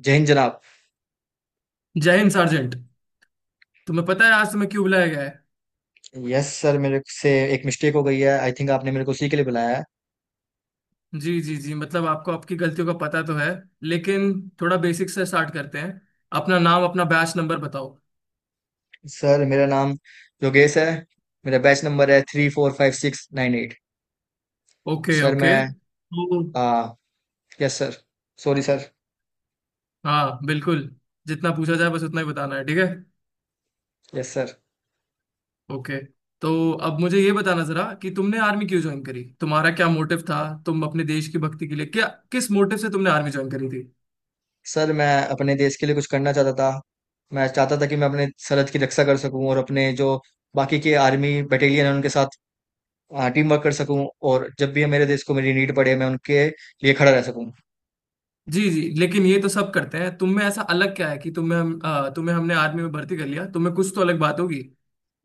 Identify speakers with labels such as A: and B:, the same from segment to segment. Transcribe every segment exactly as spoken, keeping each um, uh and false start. A: जय हिंद जनाब।
B: जय हिंद सार्जेंट। तुम्हें पता है आज तुम्हें क्यों बुलाया गया है?
A: यस सर, मेरे से एक मिस्टेक हो गई है। आई थिंक आपने मेरे को उसी के लिए बुलाया है।
B: जी जी जी, मतलब आपको आपकी गलतियों का पता तो है, लेकिन थोड़ा बेसिक से स्टार्ट करते हैं। अपना नाम अपना बैच नंबर बताओ।
A: सर, मेरा नाम योगेश है। मेरा बैच नंबर है three four five six nine eight.
B: Okay
A: sir
B: okay.
A: मैं
B: तो
A: आ, यस सर। Sorry sir.
B: हाँ बिल्कुल, जितना पूछा जाए बस उतना ही बताना है, ठीक है?
A: Yes sir.
B: ओके। तो अब मुझे ये बताना जरा कि तुमने आर्मी क्यों ज्वाइन करी, तुम्हारा क्या मोटिव था। तुम अपने देश की भक्ति के लिए क्या, किस मोटिव से तुमने आर्मी ज्वाइन करी थी?
A: सर, मैं अपने देश के लिए कुछ करना चाहता था। मैं चाहता था कि मैं अपने सरहद की रक्षा कर सकूं और अपने जो बाकी के आर्मी बटालियन है उनके साथ टीम वर्क कर सकूं। और जब भी मेरे देश को मेरी नीड पड़े मैं उनके लिए खड़ा रह सकूं।
B: जी जी, लेकिन ये तो सब करते हैं, तुम में ऐसा अलग क्या है कि तुम्हें हम अ, तुम्हें हमने आर्मी में भर्ती कर लिया, तुम्हें कुछ तो अलग बात होगी।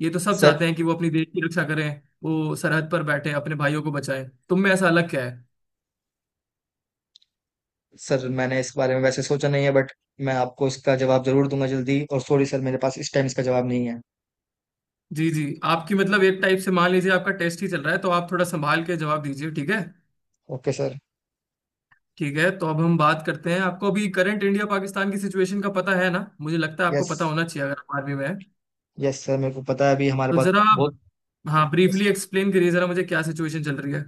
B: ये तो सब
A: सर।
B: चाहते हैं कि वो अपनी देश की रक्षा करें, वो सरहद पर बैठे अपने भाइयों को बचाएं। तुम में ऐसा अलग क्या है?
A: सर, मैंने इस बारे में वैसे सोचा नहीं है बट मैं आपको इसका जवाब जरूर दूंगा जल्दी। और सॉरी सर, मेरे पास इस टाइम इसका जवाब नहीं है।
B: जी जी। आपकी मतलब एक टाइप से मान लीजिए आपका टेस्ट ही चल रहा है, तो आप थोड़ा संभाल के जवाब दीजिए, ठीक है?
A: Okay sir.
B: ठीक है, तो अब हम बात करते हैं। आपको अभी करंट इंडिया पाकिस्तान की सिचुएशन का पता है ना? मुझे लगता है आपको
A: यस।
B: पता होना चाहिए अगर आप आर्मी में है।
A: यस सर, मेरे को पता है। अभी हमारे
B: तो
A: पास
B: जरा
A: बहुत।
B: हाँ,
A: yes,
B: ब्रीफली एक्सप्लेन करिए जरा मुझे क्या सिचुएशन चल रही है।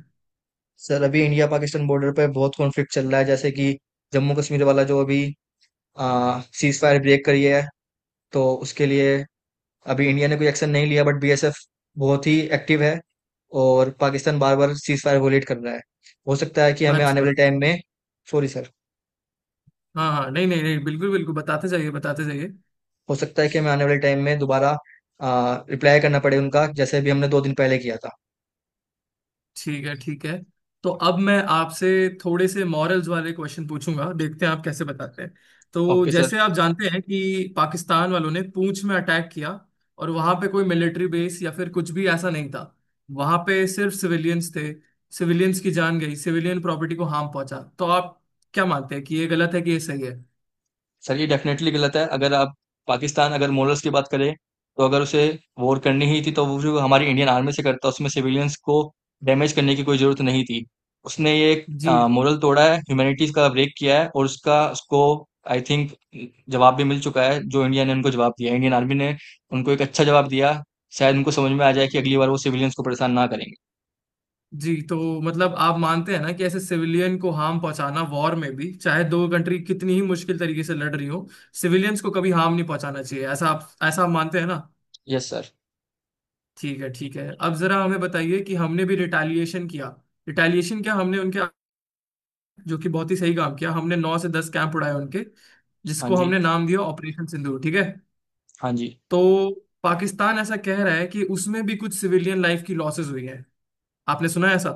A: सर अभी इंडिया पाकिस्तान बॉर्डर पे बहुत कॉन्फ्लिक्ट चल रहा है, जैसे कि जम्मू कश्मीर वाला जो अभी सीज फायर ब्रेक करी है। तो उसके लिए अभी इंडिया ने कोई एक्शन नहीं लिया, बट बीएसएफ बहुत ही एक्टिव है। और पाकिस्तान बार बार सीज फायर वोलेट कर रहा है। हो सकता है कि हमें आने
B: अच्छा।
A: वाले टाइम में। Sorry sir.
B: हाँ हाँ, नहीं नहीं नहीं, बिल्कुल बिल्कुल, बताते जाइए बताते जाइए।
A: हो सकता है कि हमें आने वाले टाइम में दोबारा रिप्लाई करना पड़े उनका, जैसे भी हमने दो दिन पहले किया था।
B: ठीक है ठीक है। तो अब मैं आपसे थोड़े से मॉरल्स वाले क्वेश्चन पूछूंगा, देखते हैं आप कैसे बताते हैं। तो
A: ओके सर।
B: जैसे आप जानते हैं कि पाकिस्तान वालों ने पूंछ में अटैक किया, और वहां पे कोई मिलिट्री बेस या फिर कुछ भी ऐसा नहीं था। वहां पे सिर्फ सिविलियंस थे। सिविलियंस की जान गई, सिविलियन प्रॉपर्टी को हार्म पहुंचा। तो आप क्या मानते हैं कि ये गलत है कि ये सही है?
A: सर, ये डेफिनेटली गलत है। अगर आप पाकिस्तान, अगर मोरल्स की बात करें तो अगर उसे वॉर करनी ही थी तो वो जो हमारी इंडियन आर्मी से करता, उसमें सिविलियंस को डैमेज करने की कोई ज़रूरत नहीं थी। उसने ये
B: जी
A: मोरल तोड़ा है, ह्यूमैनिटीज़ का ब्रेक किया है। और उसका, उसको आई थिंक जवाब भी मिल चुका है। जो इंडिया ने उनको जवाब दिया, इंडियन आर्मी ने उनको एक अच्छा जवाब दिया। शायद उनको समझ में आ जाए कि अगली बार वो सिविलियंस को परेशान ना करेंगे।
B: जी। तो मतलब आप मानते हैं ना कि ऐसे सिविलियन को हार्म पहुंचाना, वॉर में भी चाहे दो कंट्री कितनी ही मुश्किल तरीके से लड़ रही हो, सिविलियंस को कभी हार्म नहीं पहुंचाना चाहिए, ऐसा आप, ऐसा आप मानते हैं ना?
A: Yes sir.
B: ठीक है ठीक है। अब जरा हमें बताइए कि हमने भी रिटेलिएशन किया, रिटेलिएशन क्या, हमने उनके, जो कि बहुत ही सही काम किया, हमने नौ से दस कैंप उड़ाए उनके,
A: हाँ
B: जिसको
A: जी,
B: हमने नाम दिया ऑपरेशन सिंदूर, ठीक है?
A: हाँ जी।
B: तो पाकिस्तान ऐसा कह रहा है कि उसमें भी कुछ सिविलियन लाइफ की लॉसेस हुई है। आपने सुना है ऐसा?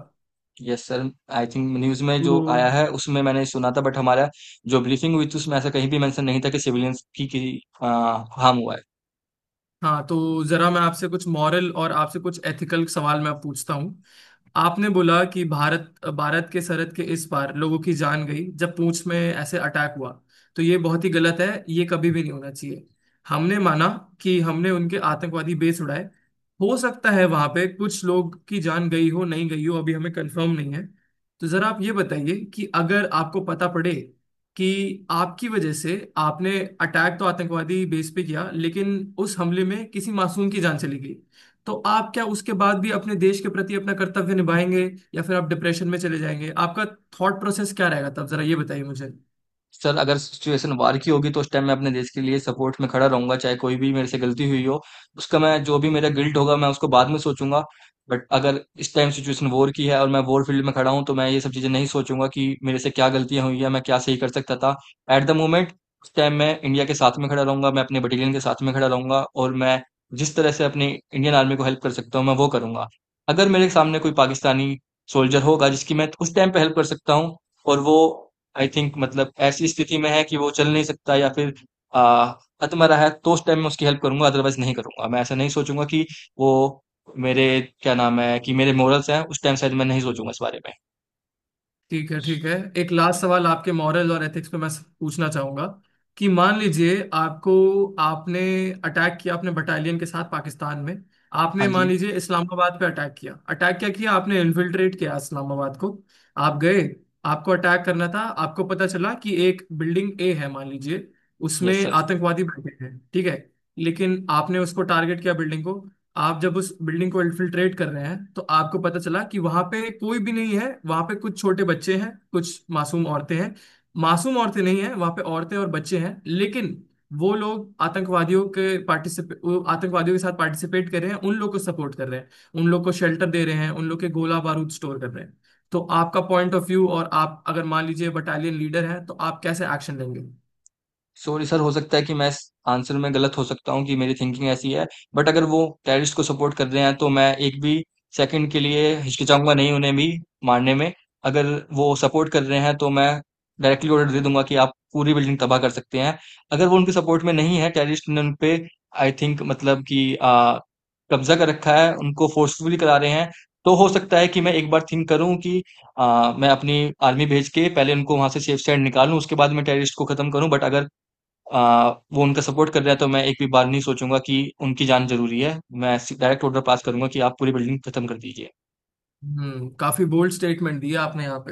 A: Yes sir, I think news में जो
B: तो
A: आया है उसमें मैंने सुना था। बट हमारा जो ब्रीफिंग हुई थी, उसमें ऐसा कहीं भी मेंशन नहीं था कि सिविलियंस की, की आ, हार्म हुआ है।
B: हाँ, तो जरा मैं आपसे कुछ मॉरल और आपसे कुछ एथिकल सवाल मैं पूछता हूँ। आपने बोला कि भारत, भारत के सरहद के इस पार लोगों की जान गई जब पूंछ में ऐसे अटैक हुआ, तो ये बहुत ही गलत है, ये कभी भी नहीं होना चाहिए। हमने माना कि हमने उनके आतंकवादी बेस उड़ाए, हो सकता है वहां पे कुछ लोग की जान गई हो, नहीं गई हो, अभी हमें कंफर्म नहीं है। तो जरा आप ये बताइए कि अगर आपको पता पड़े कि आपकी वजह से, आपने अटैक तो आतंकवादी बेस पे किया, लेकिन उस हमले में किसी मासूम की जान चली गई, तो आप क्या उसके बाद भी अपने देश के प्रति अपना कर्तव्य निभाएंगे, या फिर आप डिप्रेशन में चले जाएंगे? आपका थॉट प्रोसेस क्या रहेगा तब, जरा ये बताइए मुझे।
A: सर, अगर सिचुएशन वार की होगी तो उस टाइम मैं अपने देश के लिए सपोर्ट में खड़ा रहूँगा, चाहे कोई भी मेरे से गलती हुई हो, उसका मैं जो भी मेरा गिल्ट होगा मैं उसको बाद में सोचूँगा। बट अगर इस टाइम सिचुएशन वॉर की है और मैं वॉर फ़ील्ड में खड़ा हूँ तो मैं ये सब चीज़ें नहीं सोचूँगा कि मेरे से क्या गलतियाँ हुई हैं, मैं क्या सही कर सकता था। एट द मोमेंट उस टाइम मैं इंडिया के साथ में खड़ा रहूँगा, मैं अपने बटालियन के साथ में खड़ा रहूँगा और मैं जिस तरह से अपनी इंडियन आर्मी को हेल्प कर सकता हूँ, मैं वो करूँगा। अगर मेरे सामने कोई पाकिस्तानी सोल्जर होगा जिसकी मैं उस टाइम पे हेल्प कर सकता हूँ, और वो आई थिंक मतलब ऐसी स्थिति में है कि वो चल नहीं सकता या फिर आ, अतमरा रहा है, तो उस टाइम में उसकी हेल्प करूंगा, अदरवाइज नहीं करूंगा। मैं ऐसा नहीं सोचूंगा कि वो मेरे, क्या नाम है, कि मेरे मोरल्स हैं, उस टाइम शायद मैं नहीं सोचूंगा इस बारे में।
B: ठीक है ठीक है। एक लास्ट सवाल आपके मॉरल और एथिक्स पे मैं पूछना चाहूंगा कि मान लीजिए आपको, आपने अटैक किया अपने बटालियन के साथ पाकिस्तान में, आपने
A: हाँ
B: मान
A: जी।
B: लीजिए इस्लामाबाद पे अटैक किया, अटैक क्या किया आपने इन्फिल्ट्रेट किया इस्लामाबाद को। आप गए, आपको अटैक करना था, आपको पता चला कि एक बिल्डिंग ए है मान लीजिए, उसमें
A: यस सर।
B: आतंकवादी बैठे हैं, ठीक है? लेकिन आपने उसको टारगेट किया, बिल्डिंग को। आप जब उस बिल्डिंग को इन्फिल्ट्रेट कर रहे हैं तो आपको पता चला कि वहां पे कोई भी नहीं है, वहां पे कुछ छोटे बच्चे हैं, कुछ मासूम औरतें हैं। मासूम औरतें नहीं हैं, वहां पे औरतें और बच्चे हैं, लेकिन वो लोग आतंकवादियों के पार्टिसिपे, वो आतंकवादियों के साथ पार्टिसिपेट कर रहे हैं, उन लोग को सपोर्ट कर रहे हैं, उन लोग को शेल्टर दे रहे हैं, उन लोग के गोला बारूद स्टोर कर रहे हैं। तो आपका पॉइंट ऑफ व्यू, और आप अगर मान लीजिए बटालियन लीडर हैं तो आप कैसे एक्शन लेंगे?
A: सॉरी सर, हो सकता है कि मैं इस आंसर में गलत हो सकता हूँ, कि मेरी थिंकिंग ऐसी है, बट अगर वो टेररिस्ट को सपोर्ट कर रहे हैं तो मैं एक भी सेकंड के लिए हिचकिचाऊँगा नहीं उन्हें भी मारने में। अगर वो सपोर्ट कर रहे हैं तो मैं डायरेक्टली ऑर्डर दे दूँगा कि आप पूरी बिल्डिंग तबाह कर सकते हैं। अगर वो उनके सपोर्ट में नहीं है, टेररिस्ट ने उन पे आई थिंक मतलब कि अ, कब्ज़ा कर रखा है, उनको फोर्सफुली करा रहे हैं, तो हो सकता है कि मैं एक बार थिंक करूँ कि अ, मैं अपनी आर्मी भेज के पहले उनको वहाँ से सेफ साइड निकालूँ, उसके बाद मैं टेररिस्ट को खत्म करूँ। बट अगर आ, वो उनका सपोर्ट कर रहा है तो मैं एक भी बार नहीं सोचूंगा कि उनकी जान जरूरी है, मैं डायरेक्ट ऑर्डर पास करूंगा कि आप पूरी बिल्डिंग खत्म कर दीजिए।
B: हम्म, काफी बोल्ड स्टेटमेंट दिया आपने यहाँ पे।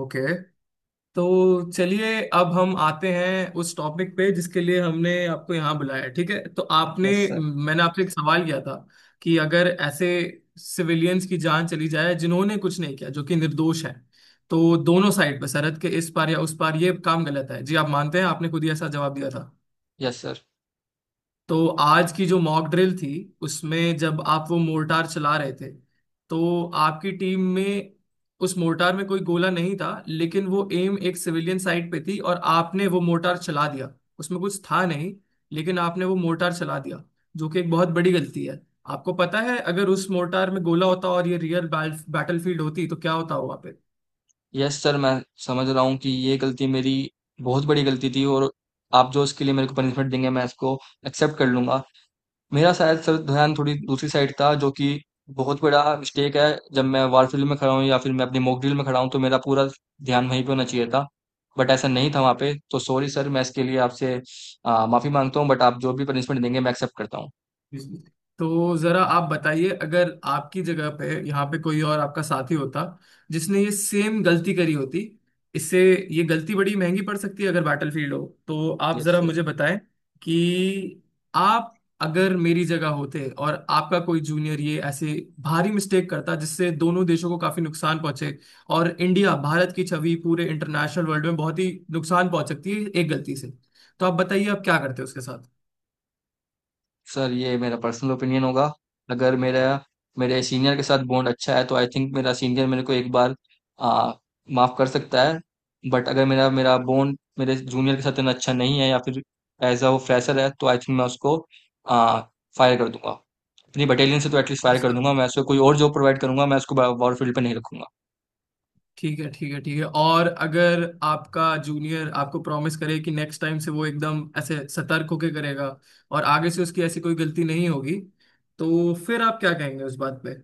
B: ओके, तो चलिए, अब हम आते हैं उस टॉपिक पे जिसके लिए हमने आपको यहाँ बुलाया है, ठीक है? तो आपने,
A: यस सर।
B: मैंने आपसे एक सवाल किया था कि अगर ऐसे सिविलियंस की जान चली जाए जिन्होंने कुछ नहीं किया, जो कि निर्दोष है, तो दोनों साइड पर सरहद के इस पार या उस पार ये काम गलत है जी, आप मानते हैं, आपने खुद ही ऐसा जवाब दिया था।
A: Yes sir.
B: तो आज की जो मॉक ड्रिल थी, उसमें जब आप वो मोर्टार चला रहे थे, तो आपकी टीम में, उस मोर्टार में कोई गोला नहीं था, लेकिन वो एम एक सिविलियन साइट पे थी और आपने वो मोर्टार चला दिया। उसमें कुछ था नहीं, लेकिन आपने वो मोर्टार चला दिया, जो कि एक बहुत बड़ी गलती है। आपको पता है अगर उस मोर्टार में गोला होता और ये रियल बैटल फील्ड होती तो क्या होता हुआ?
A: यस सर, मैं समझ रहा हूँ कि ये गलती मेरी बहुत बड़ी गलती थी, और आप जो इसके लिए मेरे को पनिशमेंट देंगे मैं इसको एक्सेप्ट कर लूंगा। मेरा शायद सर ध्यान थोड़ी दूसरी साइड था, जो कि बहुत बड़ा मिस्टेक है। जब मैं वार फील्ड में खड़ा हूँ या फिर मैं अपनी मॉक ड्रिल में खड़ा हूँ तो मेरा पूरा ध्यान वहीं पे होना चाहिए था। बट ऐसा नहीं था वहाँ पे। तो सॉरी सर, मैं इसके लिए आपसे आ, माफी मांगता हूँ। बट आप जो भी पनिशमेंट देंगे मैं एक्सेप्ट करता हूँ।
B: जी। तो जरा आप बताइए, अगर आपकी जगह पे यहाँ पे कोई और आपका साथी होता जिसने ये सेम गलती करी होती, इससे, ये गलती बड़ी महंगी पड़ सकती है अगर बैटलफील्ड हो। तो आप जरा
A: यस
B: मुझे बताएं कि आप, अगर मेरी जगह होते और आपका कोई जूनियर ये ऐसे भारी मिस्टेक करता जिससे दोनों देशों को काफी नुकसान पहुंचे, और इंडिया, भारत की छवि पूरे इंटरनेशनल वर्ल्ड में बहुत ही नुकसान पहुंच सकती है एक गलती से, तो आप बताइए आप क्या करते उसके साथ?
A: सर, ये मेरा पर्सनल ओपिनियन होगा। अगर मेरा मेरे सीनियर के साथ बॉन्ड अच्छा है तो आई थिंक मेरा सीनियर मेरे को एक बार आ, माफ कर सकता है। बट अगर मेरा मेरा बॉन्ड मेरे जूनियर के साथ इतना अच्छा नहीं है या फिर एज अ वो फ्रेशर है, तो आई थिंक मैं उसको आ, फायर कर दूंगा अपनी बटालियन से। तो एटलीस्ट फायर कर
B: अच्छा।
A: दूंगा, मैं उसको कोई और जॉब प्रोवाइड करूंगा, मैं उसको वॉरफील्ड पे नहीं रखूंगा।
B: ठीक है ठीक है ठीक है। और अगर आपका जूनियर आपको प्रॉमिस करे कि नेक्स्ट टाइम से वो एकदम ऐसे सतर्क होके करेगा, और आगे से उसकी ऐसी कोई गलती नहीं होगी, तो फिर आप क्या कहेंगे उस बात पे?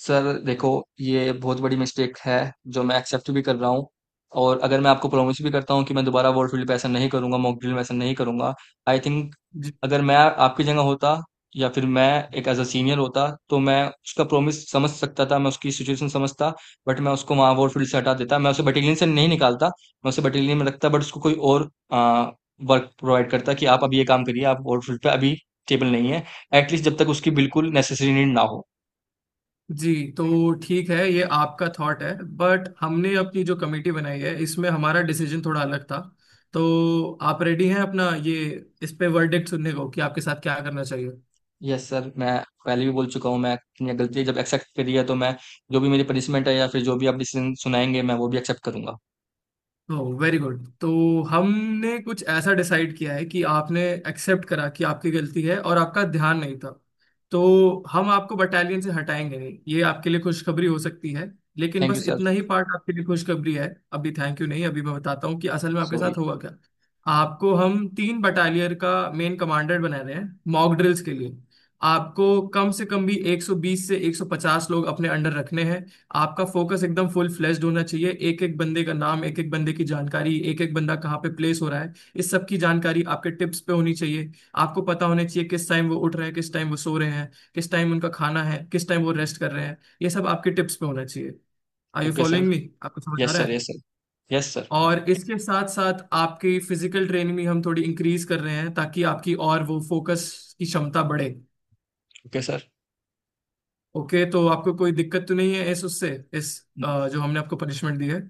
A: सर देखो, ये बहुत बड़ी मिस्टेक है जो मैं एक्सेप्ट भी कर रहा हूँ। और अगर मैं आपको प्रॉमिस भी करता हूँ कि मैं दोबारा वर्ल्ड फील्ड पे ऐसा नहीं करूंगा, मॉक ड्रिल में ऐसा नहीं करूंगा, आई थिंक
B: जी,
A: अगर मैं आपकी जगह होता या फिर मैं एक एज अ सीनियर होता तो मैं उसका प्रॉमिस समझ सकता था, मैं उसकी सिचुएशन समझता। बट मैं उसको वहाँ वर्ल्ड फील्ड से हटा देता, मैं उसे बटालियन से नहीं निकालता, मैं उसे बटालियन में रखता, बट उसको कोई और वर्क प्रोवाइड करता कि आप अभी ये काम करिए, आप वर्ल्ड फील्ड पे अभी टेबल नहीं है, एटलीस्ट जब तक उसकी बिल्कुल नेसेसरी नीड ना हो।
B: जी। तो ठीक है, ये आपका थॉट है, बट हमने अपनी जो कमेटी बनाई है इसमें हमारा डिसीजन थोड़ा अलग था। तो आप रेडी हैं अपना ये, इस पे वर्डिक्ट सुनने को कि आपके साथ क्या करना चाहिए?
A: यस सर, मैं पहले भी बोल चुका हूँ, मैं अपनी गलती जब एक्सेप्ट करी है तो मैं जो भी मेरी पनिशमेंट है या फिर जो भी आप डिसीजन सुनाएंगे मैं वो भी एक्सेप्ट करूंगा।
B: Oh, very good. तो हमने कुछ ऐसा डिसाइड किया है कि आपने एक्सेप्ट करा कि आपकी गलती है और आपका ध्यान नहीं था, तो हम आपको बटालियन से हटाएंगे नहीं, ये आपके लिए खुशखबरी हो सकती है। लेकिन
A: थैंक यू
B: बस
A: सर।
B: इतना ही पार्ट आपके लिए खुशखबरी है। अभी थैंक यू नहीं, अभी मैं बताता हूँ कि असल में आपके
A: सॉरी।
B: साथ हुआ क्या। आपको हम तीन बटालियर का मेन कमांडर बना रहे हैं मॉक ड्रिल्स के लिए। आपको कम से कम भी एक सौ बीस से एक सौ पचास लोग अपने अंडर रखने हैं। आपका फोकस एकदम फुल फ्लेश्ड होना चाहिए, एक एक बंदे का नाम, एक एक बंदे की जानकारी, एक एक बंदा कहाँ पे प्लेस हो रहा है, इस सब की जानकारी आपके टिप्स पे होनी चाहिए। आपको पता होना चाहिए किस टाइम वो उठ रहे हैं, किस टाइम वो सो रहे हैं, किस टाइम उनका खाना है, किस टाइम वो रेस्ट कर रहे हैं, ये सब आपके टिप्स पे होना चाहिए। Are you
A: okay sir.
B: Following me? आपको समझ आ
A: यस
B: रहा
A: सर। यस
B: है?
A: सर। Yes sir.
B: और इसके साथ साथ आपकी फिजिकल ट्रेनिंग भी हम थोड़ी इंक्रीज कर रहे हैं ताकि आपकी और वो फोकस की क्षमता बढ़े।
A: Okay sir.
B: ओके, तो आपको कोई दिक्कत तो नहीं है इस, उससे, इस अ, जो हमने आपको पनिशमेंट दी है?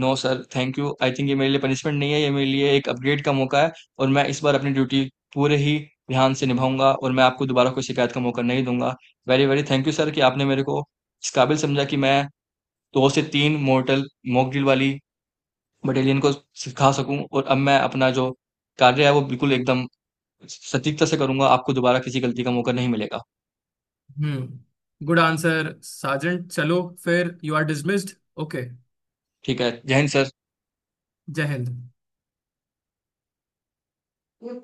A: No sir, thank you. I think ये मेरे लिए पनिशमेंट नहीं है, ये मेरे लिए एक अपग्रेड का मौका है। और मैं इस बार अपनी ड्यूटी पूरे ही ध्यान से निभाऊंगा, और मैं आपको दोबारा कोई शिकायत का मौका नहीं दूंगा। Very very thank you sir कि आपने मेरे को इस काबिल समझा कि मैं दो से तीन मोर्टल मॉक ड्रिल वाली बटालियन को सिखा सकूँ। और अब मैं अपना जो कार्य है वो बिल्कुल एकदम सटीकता से करूँगा, आपको दोबारा किसी गलती का मौका नहीं मिलेगा।
B: Hmm, good answer Sajan. चलो फिर, यू आर डिसमिस्ड। ओके।
A: ठीक है, जय हिंद
B: जय हिंद।
A: सर।